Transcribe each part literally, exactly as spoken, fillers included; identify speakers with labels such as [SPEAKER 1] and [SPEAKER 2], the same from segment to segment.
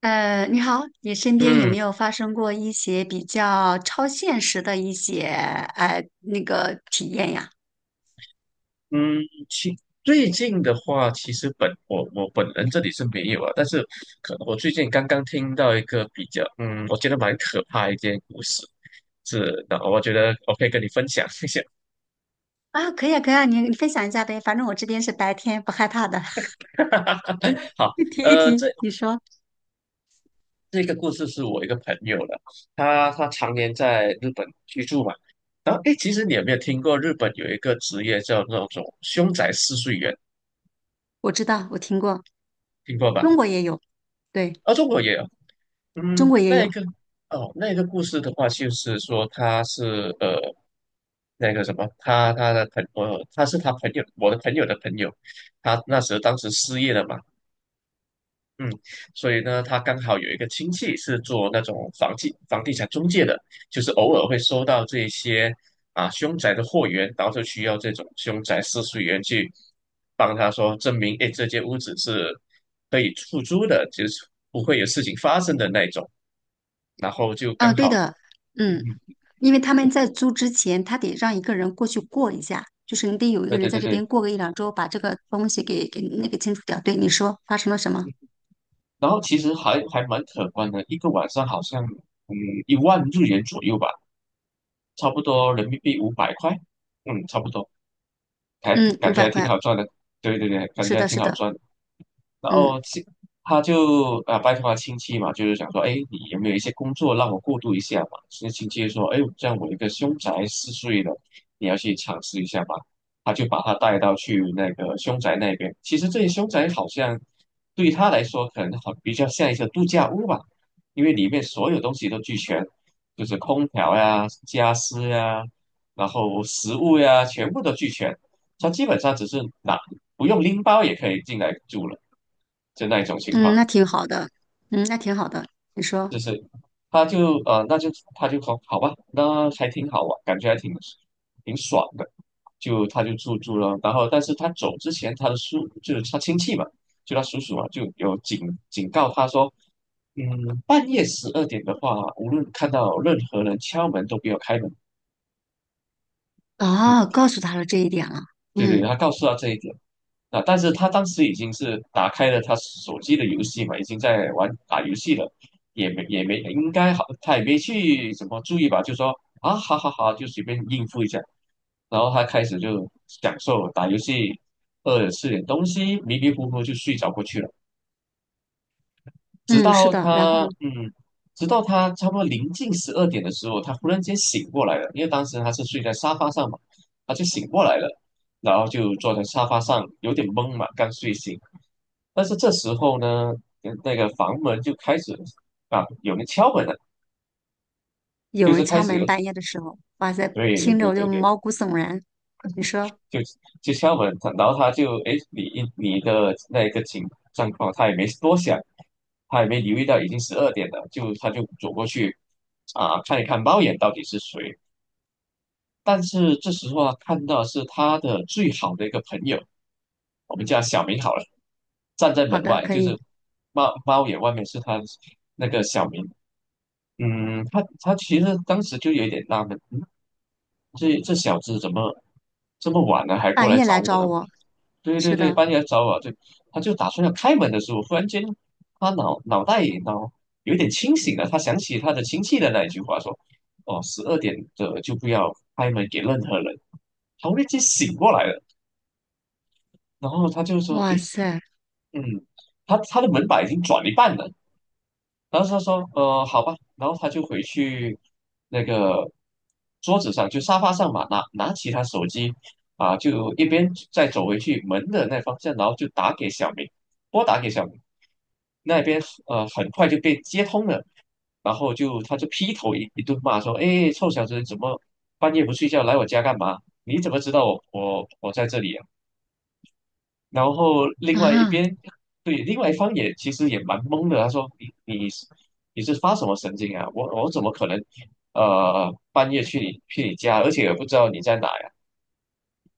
[SPEAKER 1] 呃，你好，你身边有
[SPEAKER 2] 嗯
[SPEAKER 1] 没有发生过一些比较超现实的一些呃那个体验呀？
[SPEAKER 2] 嗯，其最近的话，其实本我我本人这里是没有啊，但是可能我最近刚刚听到一个比较，嗯，我觉得蛮可怕的一件故事，是，那我觉得我可以跟你分享一下。
[SPEAKER 1] 啊，可以啊，可以啊，你你分享一下呗，反正我这边是白天，不害怕的，
[SPEAKER 2] 好，
[SPEAKER 1] 听一
[SPEAKER 2] 呃，这
[SPEAKER 1] 听。你说，
[SPEAKER 2] 这个故事是我一个朋友的，他他常年在日本居住嘛，然后诶，其实你有没有听过日本有一个职业叫那种凶宅试睡员，
[SPEAKER 1] 我知道，我听过，
[SPEAKER 2] 听过吧？
[SPEAKER 1] 中国也有，对，
[SPEAKER 2] 啊，中国也有，
[SPEAKER 1] 中
[SPEAKER 2] 嗯，
[SPEAKER 1] 国也有，
[SPEAKER 2] 那个哦，那个故事的话，就是说他是呃，那个什么，他他的朋我他是他朋友，我的朋友的朋友，他那时候当时失业了嘛，嗯，所以呢，他刚好有一个亲戚是做那种房地房地产中介的，就是偶尔会收到这些啊凶宅的货源，然后就需要这种凶宅试睡员去帮他说证明，哎，这间屋子是可以出租的，就是不会有事情发生的那种。然后就刚
[SPEAKER 1] 嗯，对
[SPEAKER 2] 好，
[SPEAKER 1] 的，
[SPEAKER 2] 嗯，
[SPEAKER 1] 嗯，因为他们在租之前，他得让一个人过去过一下，就是你得有一
[SPEAKER 2] 对
[SPEAKER 1] 个人
[SPEAKER 2] 对
[SPEAKER 1] 在
[SPEAKER 2] 对
[SPEAKER 1] 这
[SPEAKER 2] 对，
[SPEAKER 1] 边过个一两周，把这个东西给给那个清除掉。对，你说发生了什么？
[SPEAKER 2] 然后其实还还蛮可观的，一个晚上好像嗯一万日元左右吧，差不多人民币五百块，嗯，差不多，还
[SPEAKER 1] 嗯，五
[SPEAKER 2] 感觉
[SPEAKER 1] 百
[SPEAKER 2] 还
[SPEAKER 1] 块，
[SPEAKER 2] 挺好赚的，对对对，感
[SPEAKER 1] 是
[SPEAKER 2] 觉还
[SPEAKER 1] 的，
[SPEAKER 2] 挺
[SPEAKER 1] 是
[SPEAKER 2] 好
[SPEAKER 1] 的，
[SPEAKER 2] 赚的。然
[SPEAKER 1] 嗯。
[SPEAKER 2] 后亲，他就啊拜托他亲戚嘛，就是想说，哎，你有没有一些工作让我过渡一下嘛？所以亲戚就说，哎，这样我一个凶宅四岁的。你要去尝试一下吧。他就把他带到去那个凶宅那边。其实这些凶宅好像对他来说，可能好比较像一个度假屋吧，因为里面所有东西都俱全，就是空调呀、家私呀，然后食物呀，全部都俱全。他基本上只是拿不用拎包也可以进来住了。就那一种情
[SPEAKER 1] 嗯，
[SPEAKER 2] 况，
[SPEAKER 1] 那挺好的，嗯，那挺好的。你
[SPEAKER 2] 就
[SPEAKER 1] 说，
[SPEAKER 2] 是他就呃，那就他就说好吧，那还挺好玩，感觉还挺挺爽的，就他就住住了，然后但是他走之前，他的叔就是他亲戚嘛，就他叔叔啊，就有警警告他说，嗯，半夜十二点的话，无论看到任何人敲门都不要开门，嗯，
[SPEAKER 1] 哦，告诉他了这一点了，
[SPEAKER 2] 对对，
[SPEAKER 1] 嗯
[SPEAKER 2] 他告诉他这一点。那、但是他当时已经是打开了他手机的游戏嘛，已经在玩打游戏了，也没也没应该好，他也没去怎么注意吧，就说啊好好好，就随便应付一下。然后他开始就享受打游戏，饿了吃点东西，迷迷糊糊就睡着过去了。直
[SPEAKER 1] 嗯，是
[SPEAKER 2] 到
[SPEAKER 1] 的。然后
[SPEAKER 2] 他
[SPEAKER 1] 呢
[SPEAKER 2] 嗯，直到他差不多临近十二点的时候，他忽然间醒过来了，因为当时他是睡在沙发上嘛，他就醒过来了，然后就坐在沙发上，有点懵嘛，刚睡醒。但是这时候呢，呃那个房门就开始啊，有人敲门了，
[SPEAKER 1] 有
[SPEAKER 2] 就是
[SPEAKER 1] 人
[SPEAKER 2] 开
[SPEAKER 1] 敲
[SPEAKER 2] 始
[SPEAKER 1] 门，
[SPEAKER 2] 有，
[SPEAKER 1] 半夜的时候，哇塞，
[SPEAKER 2] 对对
[SPEAKER 1] 听着
[SPEAKER 2] 对
[SPEAKER 1] 我就
[SPEAKER 2] 对对
[SPEAKER 1] 毛骨悚然。你说，
[SPEAKER 2] 就就敲门，他然后他就哎诶你你的那个情状况，他也没多想，他也没留意到已经十二点了，就他就走过去啊、看一看猫眼到底是谁。但是这时候啊，看到是他的最好的一个朋友，我们叫小明好了，站在
[SPEAKER 1] 好
[SPEAKER 2] 门
[SPEAKER 1] 的，
[SPEAKER 2] 外，
[SPEAKER 1] 可
[SPEAKER 2] 就是
[SPEAKER 1] 以，
[SPEAKER 2] 猫猫眼外面是他那个小明。嗯，他他其实当时就有点纳闷，嗯这这小子怎么这么晚了还过
[SPEAKER 1] 半
[SPEAKER 2] 来
[SPEAKER 1] 夜
[SPEAKER 2] 找
[SPEAKER 1] 来
[SPEAKER 2] 我
[SPEAKER 1] 找
[SPEAKER 2] 呢？
[SPEAKER 1] 我，
[SPEAKER 2] 对对
[SPEAKER 1] 是
[SPEAKER 2] 对，
[SPEAKER 1] 的，
[SPEAKER 2] 半夜来找我，对，他就打算要开门的时候，忽然间，他脑脑袋脑有点清醒了，他想起他的亲戚的那一句话，说：“哦，十二点的就不要开门给任何人。”他忽然间醒过来了，然后他就说：
[SPEAKER 1] 哇
[SPEAKER 2] “诶，
[SPEAKER 1] 塞，
[SPEAKER 2] 嗯，他他的门把已经转一半了。”然后他说，呃，好吧，然后他就回去那个桌子上，就沙发上嘛，拿拿起他手机啊，就一边再走回去门的那方向，然后就打给小明，拨打给小明，那边呃很快就被接通了，然后就他就劈头一一顿骂说，哎，臭小子，怎么半夜不睡觉来我家干嘛？你怎么知道我我我在这里啊？然后另外一
[SPEAKER 1] 啊
[SPEAKER 2] 边，对，另外一方也其实也蛮懵的。他说：“你你是你是发什么神经啊？我我怎么可能，呃，半夜去你去你家，而且也不知道你在哪呀？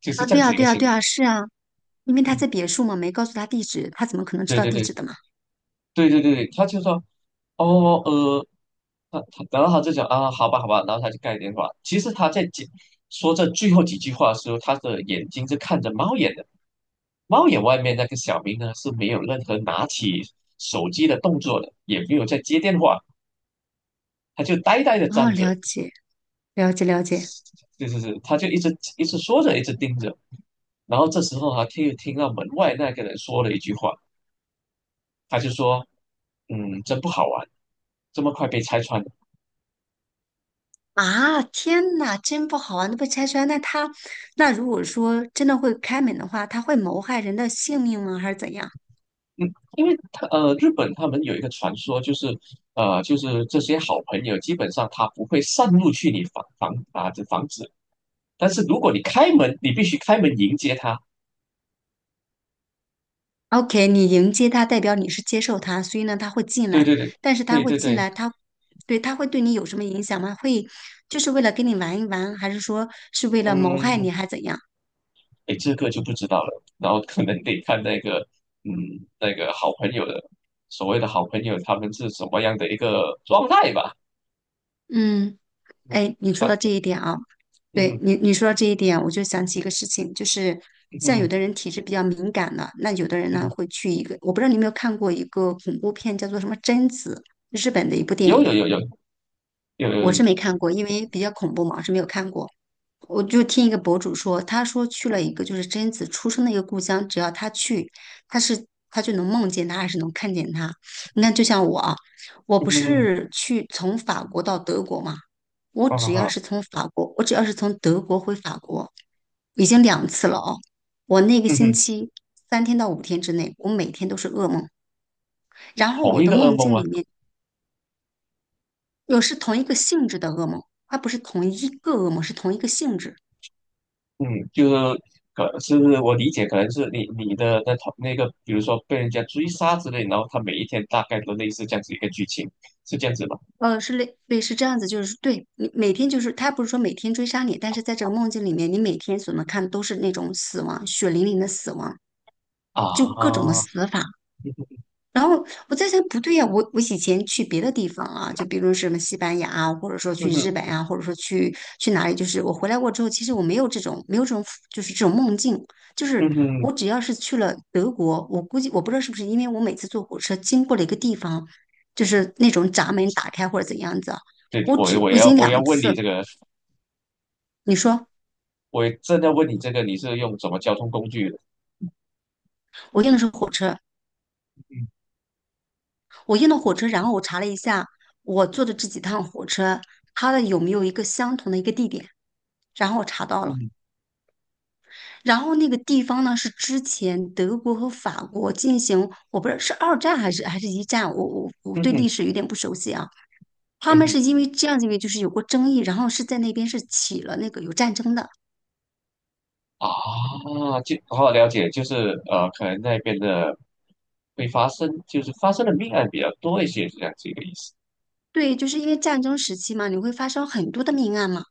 [SPEAKER 2] 就是
[SPEAKER 1] 啊，
[SPEAKER 2] 这
[SPEAKER 1] 对
[SPEAKER 2] 样子
[SPEAKER 1] 啊，
[SPEAKER 2] 一个
[SPEAKER 1] 对啊，
[SPEAKER 2] 情。”
[SPEAKER 1] 对啊，是啊，因为他
[SPEAKER 2] 嗯，
[SPEAKER 1] 在别墅嘛，没告诉他地址，他怎么可能知
[SPEAKER 2] 对
[SPEAKER 1] 道
[SPEAKER 2] 对
[SPEAKER 1] 地
[SPEAKER 2] 对
[SPEAKER 1] 址的嘛？
[SPEAKER 2] 对对对对，他就说：“哦呃，他他，然后他就讲啊，好吧好吧，然后他就挂电话。其实他在讲说这最后几句话的时候，他的眼睛是看着猫眼的。猫眼外面那个小明呢是没有任何拿起手机的动作的，也没有在接电话。”他就呆呆的
[SPEAKER 1] 哦，
[SPEAKER 2] 站着，
[SPEAKER 1] 了解，了解，了解。
[SPEAKER 2] 就是是，他就一直一直说着，一直盯着。然后这时候他听听到门外那个人说了一句话，他就说：“嗯，真不好玩，这么快被拆穿了。”
[SPEAKER 1] 啊，天呐，真不好玩，都被拆穿，那他，那如果说真的会开门的话，他会谋害人的性命吗？还是怎样
[SPEAKER 2] 嗯，因为他呃，日本他们有一个传说，就是呃，就是这些好朋友基本上他不会擅入去你房房啊这房子，但是如果你开门，你必须开门迎接他。
[SPEAKER 1] ？OK,你迎接他，代表你是接受他，所以呢，他会进
[SPEAKER 2] 对
[SPEAKER 1] 来，
[SPEAKER 2] 对对
[SPEAKER 1] 但是他
[SPEAKER 2] 对
[SPEAKER 1] 会
[SPEAKER 2] 对
[SPEAKER 1] 进
[SPEAKER 2] 对，
[SPEAKER 1] 来，他，对，他会对你有什么影响吗？会，就是为了跟你玩一玩，还是说是为了谋害
[SPEAKER 2] 嗯，
[SPEAKER 1] 你，还是怎样？
[SPEAKER 2] 哎，这个就不知道了。然后可能得看那个，嗯，那个好朋友的，所谓的好朋友，他们是什么样的一个状态吧。
[SPEAKER 1] 嗯。
[SPEAKER 2] 嗯
[SPEAKER 1] 哎，你说
[SPEAKER 2] 啊，
[SPEAKER 1] 到这一点啊，
[SPEAKER 2] 嗯
[SPEAKER 1] 对
[SPEAKER 2] 哼
[SPEAKER 1] 你你说到这一点，我就想起一个事情，就是
[SPEAKER 2] 嗯
[SPEAKER 1] 像有
[SPEAKER 2] 哼
[SPEAKER 1] 的人体质比较敏感的，那有的人
[SPEAKER 2] 嗯
[SPEAKER 1] 呢
[SPEAKER 2] 哼，
[SPEAKER 1] 会去一个，我不知道你有没有看过一个恐怖片，叫做什么《贞子》，日本的一部电
[SPEAKER 2] 有
[SPEAKER 1] 影，
[SPEAKER 2] 有有有有
[SPEAKER 1] 我
[SPEAKER 2] 有，
[SPEAKER 1] 是没看过，因为比较恐怖嘛，我是没有看过。我就听一个博主说，他说去了一个就是贞子出生的一个故乡，只要他去，他是他就能梦见他，还是能看见他。你看，就像我啊，我不
[SPEAKER 2] 嗯，
[SPEAKER 1] 是去从法国到德国嘛，我
[SPEAKER 2] 啊哈
[SPEAKER 1] 只要
[SPEAKER 2] 哈，
[SPEAKER 1] 是从法国，我只要是从德国回法国，已经两次了哦。我那个
[SPEAKER 2] 嗯
[SPEAKER 1] 星
[SPEAKER 2] 哼，
[SPEAKER 1] 期三天到五天之内，我每天都是噩梦，然后
[SPEAKER 2] 同
[SPEAKER 1] 我
[SPEAKER 2] 一
[SPEAKER 1] 的
[SPEAKER 2] 个噩
[SPEAKER 1] 梦
[SPEAKER 2] 梦
[SPEAKER 1] 境
[SPEAKER 2] 吗？
[SPEAKER 1] 里面有是同一个性质的噩梦，它不是同一个噩梦，是同一个性质。
[SPEAKER 2] 嗯，就是可是我理解，可能是你你的那同那个，比如说被人家追杀之类，然后他每一天大概都类似这样子一个剧情，是这样子吧？
[SPEAKER 1] 呃，是类对，是这样子，就是对你每天就是他不是说每天追杀你，但是在这个梦境里面，你每天所能看的都是那种死亡，血淋淋的死亡，就各种
[SPEAKER 2] 啊，
[SPEAKER 1] 的死法。然后我在想，不对呀、我我以前去别的地方啊，就比如什么西班牙啊，或者说
[SPEAKER 2] 嗯
[SPEAKER 1] 去日
[SPEAKER 2] 哼
[SPEAKER 1] 本啊，或者说去去哪里，就是我回来过之后，其实我没有这种没有这种就是这种梦境，就
[SPEAKER 2] 嗯
[SPEAKER 1] 是
[SPEAKER 2] 哼，
[SPEAKER 1] 我只要是去了德国，我估计我不知道是不是因为我每次坐火车经过了一个地方，就是那种闸门打开或者怎样子啊，
[SPEAKER 2] 对，
[SPEAKER 1] 我
[SPEAKER 2] 我
[SPEAKER 1] 只
[SPEAKER 2] 我
[SPEAKER 1] 我已
[SPEAKER 2] 要
[SPEAKER 1] 经
[SPEAKER 2] 我
[SPEAKER 1] 两
[SPEAKER 2] 要问你
[SPEAKER 1] 次，
[SPEAKER 2] 这个。
[SPEAKER 1] 你说
[SPEAKER 2] 我也正在问你这个，你是用什么交通工具的？
[SPEAKER 1] 我用的是火车，我用的火车，然后我查了一下我坐的这几趟火车，它的有没有一个相同的一个地点，然后我查到了。
[SPEAKER 2] 嗯
[SPEAKER 1] 然后那个地方呢，是之前德国和法国进行，我不知道是二战还是还是一战，我我我
[SPEAKER 2] 嗯
[SPEAKER 1] 对历
[SPEAKER 2] 哼，
[SPEAKER 1] 史有点不熟悉啊。他
[SPEAKER 2] 嗯
[SPEAKER 1] 们
[SPEAKER 2] 哼，
[SPEAKER 1] 是因为这样，因为就是有过争议，然后是在那边是起了那个有战争的。
[SPEAKER 2] 啊，就好好了解，就是呃，可能那边的会发生，就是发生的命案比较多一些，是这样子一个意思。
[SPEAKER 1] 对，就是因为战争时期嘛，你会发生很多的命案嘛，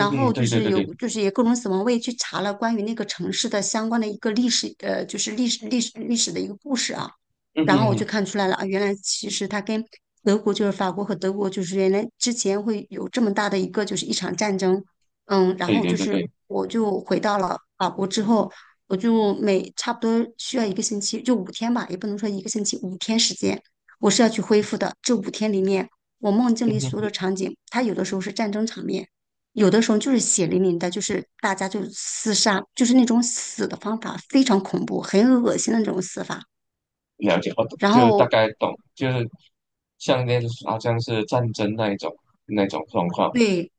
[SPEAKER 2] 嗯哼，
[SPEAKER 1] 后就
[SPEAKER 2] 对对
[SPEAKER 1] 是
[SPEAKER 2] 对对，
[SPEAKER 1] 有，就是也各种死亡。我也去查了关于那个城市的相关的一个历史，呃，就是历史历史历史的一个故事啊，
[SPEAKER 2] 嗯哼，
[SPEAKER 1] 然后
[SPEAKER 2] 嗯
[SPEAKER 1] 我
[SPEAKER 2] 哼
[SPEAKER 1] 就看出来了啊，原来其实它跟德国就是法国和德国就是原来之前会有这么大的一个就是一场战争，嗯，然
[SPEAKER 2] 对
[SPEAKER 1] 后
[SPEAKER 2] 对
[SPEAKER 1] 就
[SPEAKER 2] 对
[SPEAKER 1] 是
[SPEAKER 2] 对，
[SPEAKER 1] 我就回到了法国之后，我就每差不多需要一个星期，就五天吧，也不能说一个星期，五天时间。我是要去恢复的。这五天里面，我梦境
[SPEAKER 2] 嗯
[SPEAKER 1] 里
[SPEAKER 2] 哼嗯对对
[SPEAKER 1] 所
[SPEAKER 2] 对
[SPEAKER 1] 有
[SPEAKER 2] 对嗯
[SPEAKER 1] 的
[SPEAKER 2] 哼
[SPEAKER 1] 场景，它有的时候是战争场面，有的时候就是血淋淋的，就是大家就厮杀，就是那种死的方法非常恐怖，很恶心的那种死法。
[SPEAKER 2] 了解，我懂
[SPEAKER 1] 然
[SPEAKER 2] 就大
[SPEAKER 1] 后
[SPEAKER 2] 概懂，就是像那好像是战争那一种那种状况。
[SPEAKER 1] 对。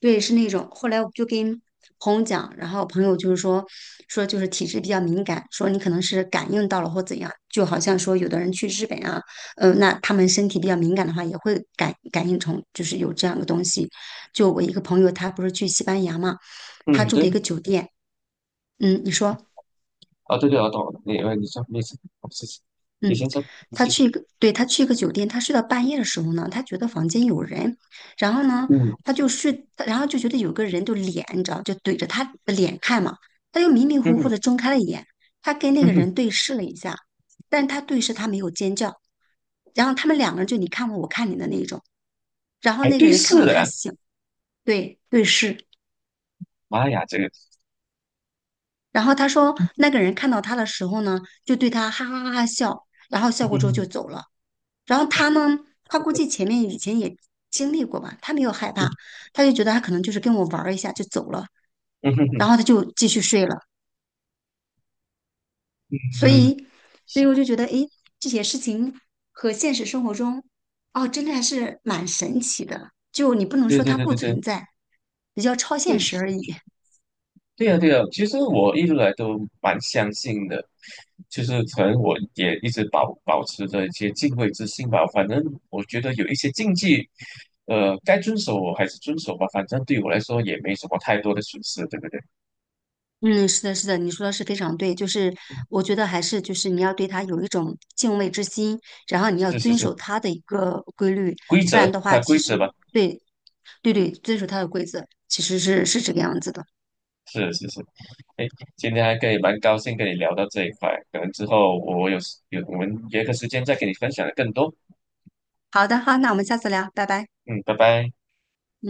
[SPEAKER 1] 对，是那种。后来我就跟朋友讲，然后朋友就是说，说就是体质比较敏感，说你可能是感应到了或怎样，就好像说有的人去日本啊，呃，那他们身体比较敏感的话，也会感感应成就是有这样的东西。就我一个朋友，他不是去西班牙嘛，他
[SPEAKER 2] 嗯，
[SPEAKER 1] 住
[SPEAKER 2] 对，
[SPEAKER 1] 的一个酒店，嗯，你说。
[SPEAKER 2] 啊，对对，我懂了，你呃，你说没事，好谢谢。你
[SPEAKER 1] 嗯，
[SPEAKER 2] 先说，
[SPEAKER 1] 他
[SPEAKER 2] 谢谢。
[SPEAKER 1] 去一个，对，他去一个酒店，他睡到半夜的时候呢，他觉得房间有人，然后呢，
[SPEAKER 2] 嗯
[SPEAKER 1] 他就睡，然后就觉得有个人就脸，你知道，就怼着他的脸看嘛，他就迷迷
[SPEAKER 2] 嗯
[SPEAKER 1] 糊糊
[SPEAKER 2] 哼
[SPEAKER 1] 的睁开了眼，他跟那
[SPEAKER 2] 嗯
[SPEAKER 1] 个
[SPEAKER 2] 哼，
[SPEAKER 1] 人对视了一下，但是他对视他没有尖叫，然后他们两个人就你看我我看你的那种，然后
[SPEAKER 2] 还
[SPEAKER 1] 那个
[SPEAKER 2] 对
[SPEAKER 1] 人看
[SPEAKER 2] 视
[SPEAKER 1] 到他
[SPEAKER 2] 了，
[SPEAKER 1] 醒，对，对视，
[SPEAKER 2] 妈呀，这个，
[SPEAKER 1] 然后他说，那个人看到他的时候呢，就对他哈哈哈哈笑，然后笑过之后就
[SPEAKER 2] 嗯
[SPEAKER 1] 走了。然后他呢，他估计前面以前也经历过吧，他没有害怕，
[SPEAKER 2] 嗯
[SPEAKER 1] 他就觉得他可能就是跟我玩儿一下就走了，
[SPEAKER 2] 嗯哼
[SPEAKER 1] 然
[SPEAKER 2] 哼
[SPEAKER 1] 后他就继续睡了。所
[SPEAKER 2] 嗯，
[SPEAKER 1] 以，所以我就觉得，诶，这些事情和现实生活中，哦，真的还是蛮神奇的。就你不能
[SPEAKER 2] 对
[SPEAKER 1] 说
[SPEAKER 2] 对
[SPEAKER 1] 它
[SPEAKER 2] 对
[SPEAKER 1] 不
[SPEAKER 2] 对对
[SPEAKER 1] 存在，比较超现实
[SPEAKER 2] 对
[SPEAKER 1] 而已。
[SPEAKER 2] 对呀对呀，其实我一直来都蛮相信的，就是可能我也一直保保持着一些敬畏之心吧。反正我觉得有一些禁忌，呃，该遵守我还是遵守吧。反正对我来说也没什么太多的损失，对不对？
[SPEAKER 1] 嗯，是的，是的，你说的是非常对，就是我觉得还是就是你要对他有一种敬畏之心，然后你要
[SPEAKER 2] 是是
[SPEAKER 1] 遵
[SPEAKER 2] 是，
[SPEAKER 1] 守他的一个规律，
[SPEAKER 2] 规
[SPEAKER 1] 不然
[SPEAKER 2] 则，
[SPEAKER 1] 的
[SPEAKER 2] 它
[SPEAKER 1] 话，
[SPEAKER 2] 规
[SPEAKER 1] 其
[SPEAKER 2] 则
[SPEAKER 1] 实
[SPEAKER 2] 吧。
[SPEAKER 1] 对，对对，遵守他的规则，其实是是这个样子的。
[SPEAKER 2] 是是是，哎，今天还可以蛮高兴跟你聊到这一块，可能之后我有时有我们约个时间再给你分享的更多。
[SPEAKER 1] 好的，好，那我们下次聊，拜拜。
[SPEAKER 2] 嗯，拜拜。
[SPEAKER 1] 嗯。